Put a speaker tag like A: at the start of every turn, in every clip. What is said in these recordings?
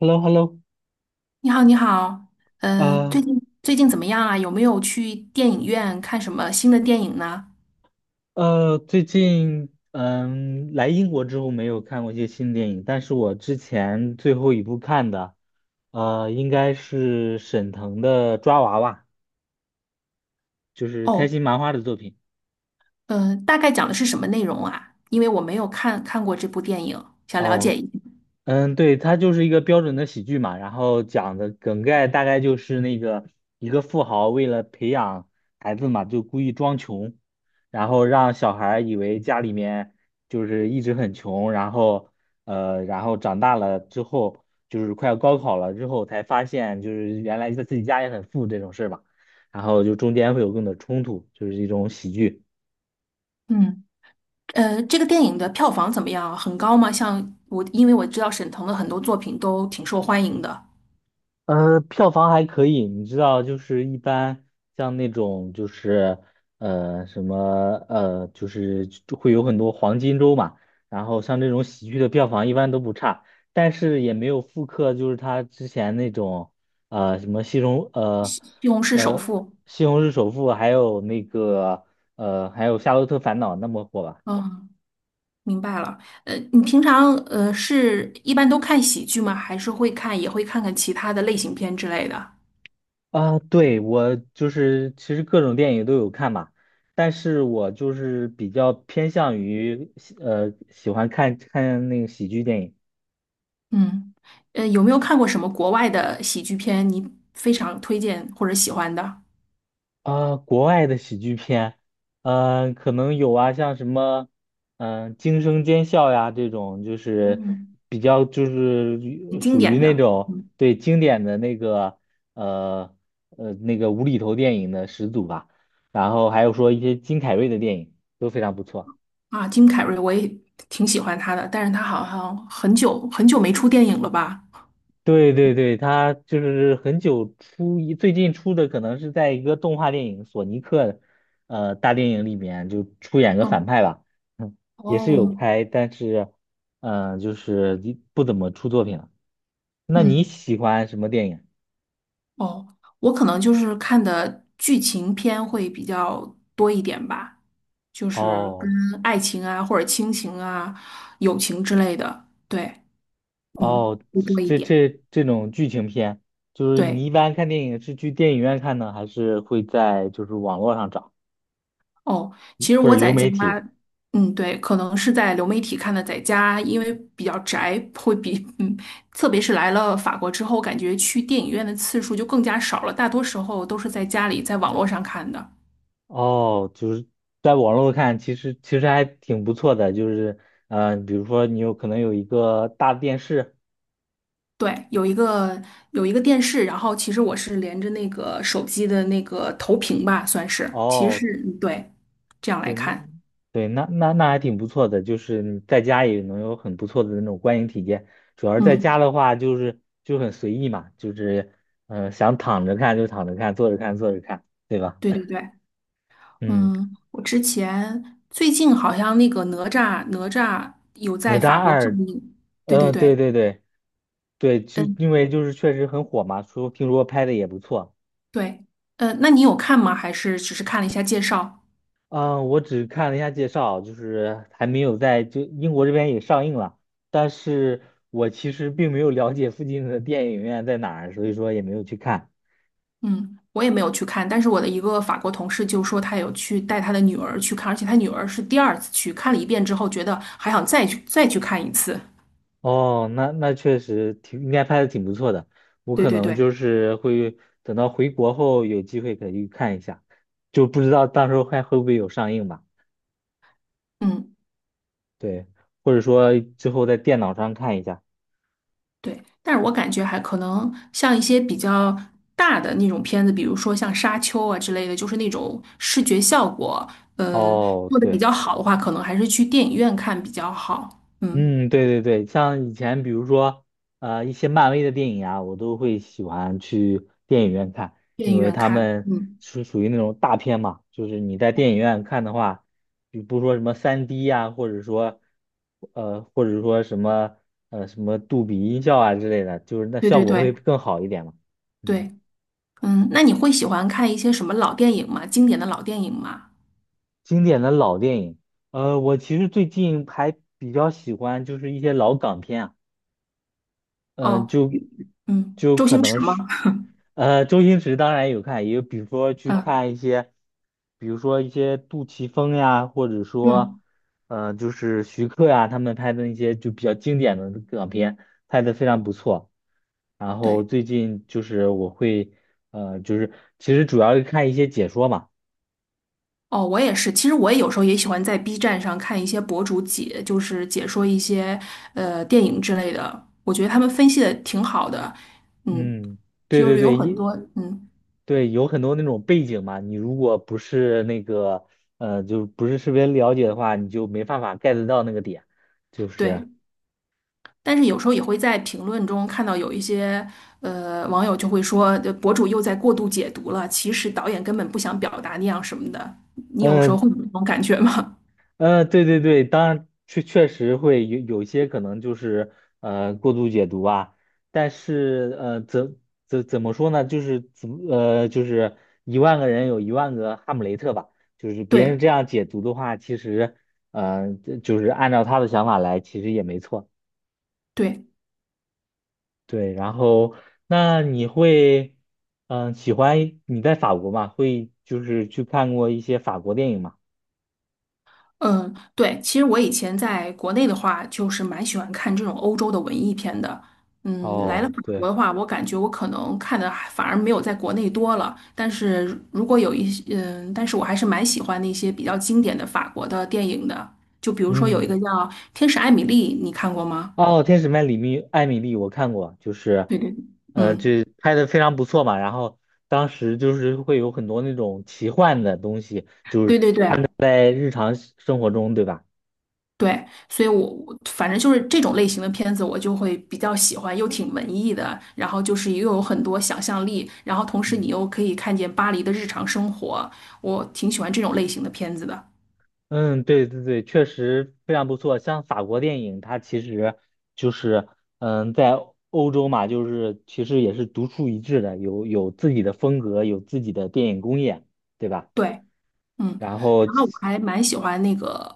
A: Hello，Hello，
B: 你好，你好。呃，最
A: 啊，
B: 近最近怎么样啊？有没有去电影院看什么新的电影呢？
A: 最近来英国之后没有看过一些新电影，但是我之前最后一部看的，应该是沈腾的《抓娃娃》，就是开
B: 哦，
A: 心麻花的作品。
B: 大概讲的是什么内容啊？因为我没有看过这部电影，想了解
A: 哦，
B: 一下。
A: 嗯，对，它就是一个标准的喜剧嘛，然后讲的梗概大概就是那个一个富豪为了培养孩子嘛，就故意装穷，然后让小孩儿以为家里面就是一直很穷，然后长大了之后就是快要高考了之后才发现就是原来在自己家也很富这种事儿吧，然后就中间会有更多冲突，就是一种喜剧。
B: 嗯。这个电影的票房怎么样啊，很高吗？像我，因为我知道沈腾的很多作品都挺受欢迎的，
A: 票房还可以，你知道，就是一般像那种就是什么，就是就会有很多黄金周嘛，然后像这种喜剧的票房一般都不差，但是也没有复刻就是他之前那种什么
B: 《西红柿首
A: 呃
B: 富》。
A: 西虹市首富，还有还有夏洛特烦恼那么火吧。
B: 嗯，明白了。你平常是一般都看喜剧吗？还是会看看其他的类型片之类的？
A: 啊，对，我就是其实各种电影都有看嘛，但是我就是比较偏向于喜欢看看那个喜剧电影
B: 嗯。有没有看过什么国外的喜剧片？你非常推荐或者喜欢的。
A: 啊，国外的喜剧片，可能有啊，像什么惊声尖笑》呀这种，就是
B: 嗯，
A: 比较就
B: 很
A: 是
B: 经
A: 属于
B: 典
A: 那
B: 的。
A: 种
B: 嗯。
A: 对经典的呃那个无厘头电影的始祖吧，然后还有说一些金凯瑞的电影都非常不错。
B: 啊？金凯瑞我也挺喜欢他的，但是他好像很久很久没出电影了吧？
A: 对对对，他就是很久出一，最近出的可能是在一个动画电影《索尼克》大电影里面就出演个反
B: 哦
A: 派吧，嗯，也是有
B: 哦。
A: 拍，但是就是一不怎么出作品了。那你
B: 嗯。
A: 喜欢什么电影？
B: 哦，我可能就是看的剧情片会比较多一点吧，就是跟
A: 哦
B: 爱情啊或者亲情啊、友情之类的。对。嗯，
A: 哦，
B: 会多一
A: 这
B: 点。
A: 这这种剧情片，就是你
B: 对。
A: 一般看电影是去电影院看呢，还是会在就是网络上找
B: 哦，其实
A: 或者
B: 我
A: 流
B: 在家。
A: 媒体？
B: 嗯，对，可能是在流媒体看的，在家因为比较宅，会比嗯，特别是来了法国之后，感觉去电影院的次数就更加少了，大多时候都是在家里，在网络上看的。
A: 哦，就是在网络看，其实还挺不错的，就是比如说你有可能有一个大电视，
B: 对，有一个电视，然后其实我是连着那个手机的那个投屏吧，算是，其实
A: 哦，
B: 是。嗯，对。这样来
A: 对，那
B: 看。
A: 对那那那还挺不错的，就是你在家也能有很不错的那种观影体验。主要是在家
B: 嗯。
A: 的话，就是就很随意嘛，就是想躺着看就躺着看，坐着看坐着看，对吧？
B: 对对对。
A: 嗯，
B: 嗯，我之前最近好像那个哪吒有
A: 哪
B: 在
A: 吒
B: 法国上
A: 二，
B: 映。对对
A: 嗯、对
B: 对。
A: 对对对，就
B: 嗯。
A: 因为就是确实很火嘛，说听说拍的也不错。
B: 对。那你有看吗？还是只是看了一下介绍？
A: 嗯，我只看了一下介绍，就是还没有在就英国这边也上映了，但是我其实并没有了解附近的电影院在哪儿，所以说也没有去看。
B: 嗯，我也没有去看，但是我的一个法国同事就说他有去带他的女儿去看，而且他女儿是第二次去看了一遍之后，觉得还想再去看一次。
A: 哦，那确实挺应该拍的挺不错的，我
B: 对
A: 可
B: 对
A: 能
B: 对。
A: 就是会等到回国后有机会可以去看一下，就不知道到时候还会不会有上映吧？
B: 嗯。
A: 对，或者说之后在电脑上看一下。
B: 对，但是我感觉还可能像一些比较大的那种片子，比如说像《沙丘》啊之类的，就是那种视觉效果，嗯、
A: 哦，
B: 做的比
A: 对。
B: 较好的话，可能还是去电影院看比较好。嗯。
A: 嗯，对对对，像以前比如说，一些漫威的电影啊，我都会喜欢去电影院看，
B: 电
A: 因
B: 影
A: 为
B: 院
A: 他
B: 看。
A: 们
B: 嗯。
A: 是属于那种大片嘛，就是你在电影
B: 嗯，
A: 院看的话，比不说什么3D 呀、或者说什么杜比音效啊之类的，就是那
B: 对
A: 效
B: 对
A: 果会
B: 对
A: 更好一点嘛。嗯，
B: 对。嗯，那你会喜欢看一些什么老电影吗？经典的老电影吗？
A: 经典的老电影，我其实最近还比较喜欢就是一些老港片啊。嗯、
B: 哦。
A: 就
B: 嗯，
A: 就
B: 周
A: 可
B: 星
A: 能
B: 驰吗？
A: 是，周星驰当然有看，也比如说去
B: 嗯。
A: 看一些，比如说一些杜琪峰呀，或者说，
B: 嗯。
A: 就是徐克呀，他们拍的那些就比较经典的港片，拍的非常不错。然后
B: 对。
A: 最近就是我会，就是其实主要是看一些解说嘛，
B: 哦，我也是。其实我也有时候也喜欢在 B 站上看一些博主解，就是解说一些电影之类的。我觉得他们分析的挺好的。嗯，
A: 嗯，对
B: 就
A: 对
B: 是有
A: 对，
B: 很
A: 一。
B: 多。嗯。
A: 对，有很多那种背景嘛，你如果不是那个，就不是特别了解的话，你就没办法 get 到那个点，就是，
B: 对。但是有时候也会在评论中看到有一些网友就会说，博主又在过度解读了，其实导演根本不想表达那样什么的。你有时候
A: 嗯、
B: 会有这种感觉吗？
A: 嗯，对对对，当然确实会有一些可能就是过度解读啊，但是怎么说呢，就是一万个人有一万个哈姆雷特吧，就是 别人
B: 对。
A: 这样解读的话，其实呃就是按照他的想法来，其实也没错。
B: 对。
A: 对，然后那你会，嗯、喜欢你在法国嘛？会就是去看过一些法国电影嘛？
B: 嗯，对，其实我以前在国内的话，就是蛮喜欢看这种欧洲的文艺片的。嗯，来了
A: 哦，
B: 法
A: 对，
B: 国的话，我感觉我可能看的还反而没有在国内多了。但是如果有一些，嗯，但是我还是蛮喜欢那些比较经典的法国的电影的。就比如说有一个
A: 嗯，
B: 叫《天使艾米丽》，你看过吗？
A: 哦，《天使曼里密艾米丽》我看过，就是，
B: 对对。嗯，
A: 这拍的非常不错嘛。然后当时就是会有很多那种奇幻的东西，就
B: 对
A: 是
B: 对对。
A: 在日常生活中，对吧？
B: 对，所以我反正就是这种类型的片子，我就会比较喜欢，又挺文艺的，然后就是又有很多想象力，然后同时
A: 嗯。
B: 你又可以看见巴黎的日常生活，我挺喜欢这种类型的片子的。
A: 嗯，对对对，确实非常不错。像法国电影，它其实就是，在欧洲嘛，就是其实也是独树一帜的，有自己的风格，有自己的电影工业，对吧？
B: 对。嗯，
A: 然后，
B: 然后我还蛮喜欢那个，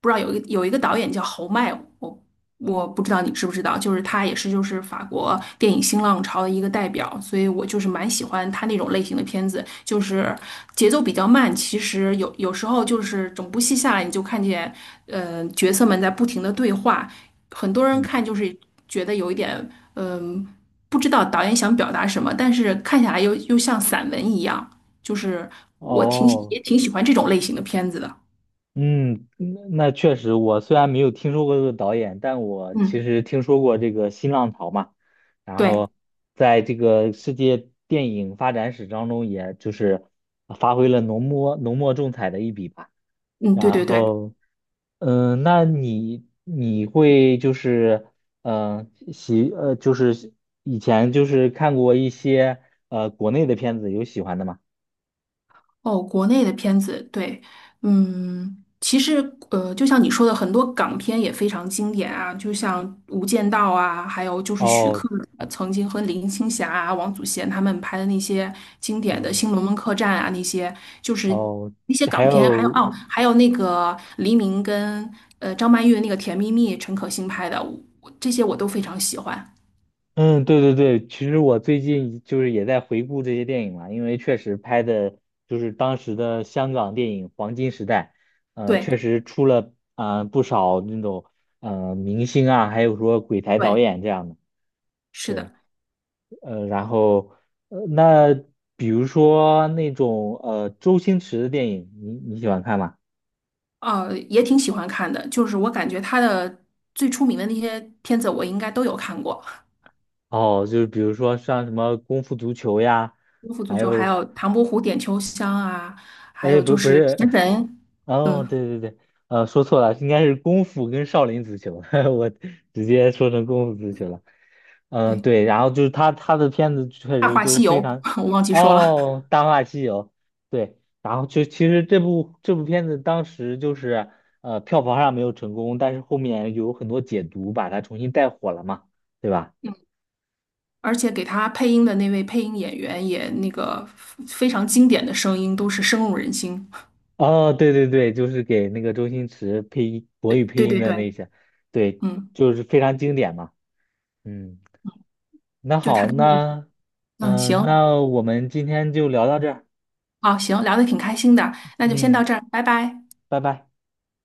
B: 不知道有一个导演叫侯麦，我我不知道你知不知道，就是他也是就是法国电影新浪潮的一个代表，所以我就是蛮喜欢他那种类型的片子，就是节奏比较慢，其实有时候就是整部戏下来，你就看见角色们在不停的对话，很多人看
A: 嗯，
B: 就是觉得有一点，嗯、不知道导演想表达什么，但是看下来又像散文一样。就是我挺喜
A: 哦。
B: 也挺喜欢这种类型的片子的。
A: 嗯，那确实，我虽然没有听说过这个导演，但我其
B: 嗯，
A: 实听说过这个新浪潮嘛，然
B: 对。
A: 后在这个世界电影发展史当中，也就是发挥了浓墨重彩的一笔吧。
B: 嗯，
A: 然
B: 对对对。
A: 后，那你会就是，就是以前就是看过一些国内的片子，有喜欢的吗？
B: 哦，国内的片子。对。嗯，其实就像你说的，很多港片也非常经典啊，就像《无间道》啊，还有就是徐
A: 哦，
B: 克曾经和林青霞啊、王祖贤他们拍的那些经典的
A: 嗯，
B: 《新龙门客栈》啊，那些就是
A: 哦，
B: 那些
A: 还
B: 港片。还有
A: 有。
B: 哦，还有那个黎明跟张曼玉的那个《甜蜜蜜》，陈可辛拍的，这些我都非常喜欢。
A: 嗯，对对对，其实我最近就是也在回顾这些电影嘛，因为确实拍的就是当时的香港电影黄金时代，确
B: 对。
A: 实出了啊不少那种明星啊，还有说鬼才导
B: 对，
A: 演这样的，
B: 是
A: 对，
B: 的。
A: 然后那比如说那种周星驰的电影，你喜欢看吗？
B: 也挺喜欢看的。就是我感觉他的最出名的那些片子，我应该都有看过，
A: 哦，就是比如说像什么《功夫足球》呀，
B: 《功夫足
A: 还
B: 球》，还
A: 有
B: 有《唐伯虎点秋香》啊，还
A: 哎，
B: 有就
A: 不，不
B: 是
A: 是
B: 《食神》。
A: 哦，
B: 嗯，
A: 对对对，说错了，应该是功夫跟少林足球，我直接说成功夫足球了。
B: 对，
A: 对，然后就是他的片子确
B: 《大
A: 实
B: 话
A: 都
B: 西
A: 非
B: 游》
A: 常，
B: 我忘记说了。
A: 哦，《大话西游》对，然后就其实这部片子当时就是票房上没有成功，但是后面有很多解读把它重新带火了嘛，对吧？
B: 而且给他配音的那位配音演员也那个非常经典的声音，都是深入人心。
A: 哦，对对对，就是给那个周星驰配音国
B: 对
A: 语配
B: 对
A: 音
B: 对
A: 的
B: 对。
A: 那些，对，
B: 嗯。
A: 就是非常经典嘛，嗯。那
B: 就他
A: 好，
B: 跟
A: 那
B: 嗯。
A: 嗯、呃
B: 行。
A: 那我们今天就聊到这儿，
B: 好。行，聊的挺开心的，那就先到
A: 嗯，
B: 这儿，拜拜。
A: 拜拜。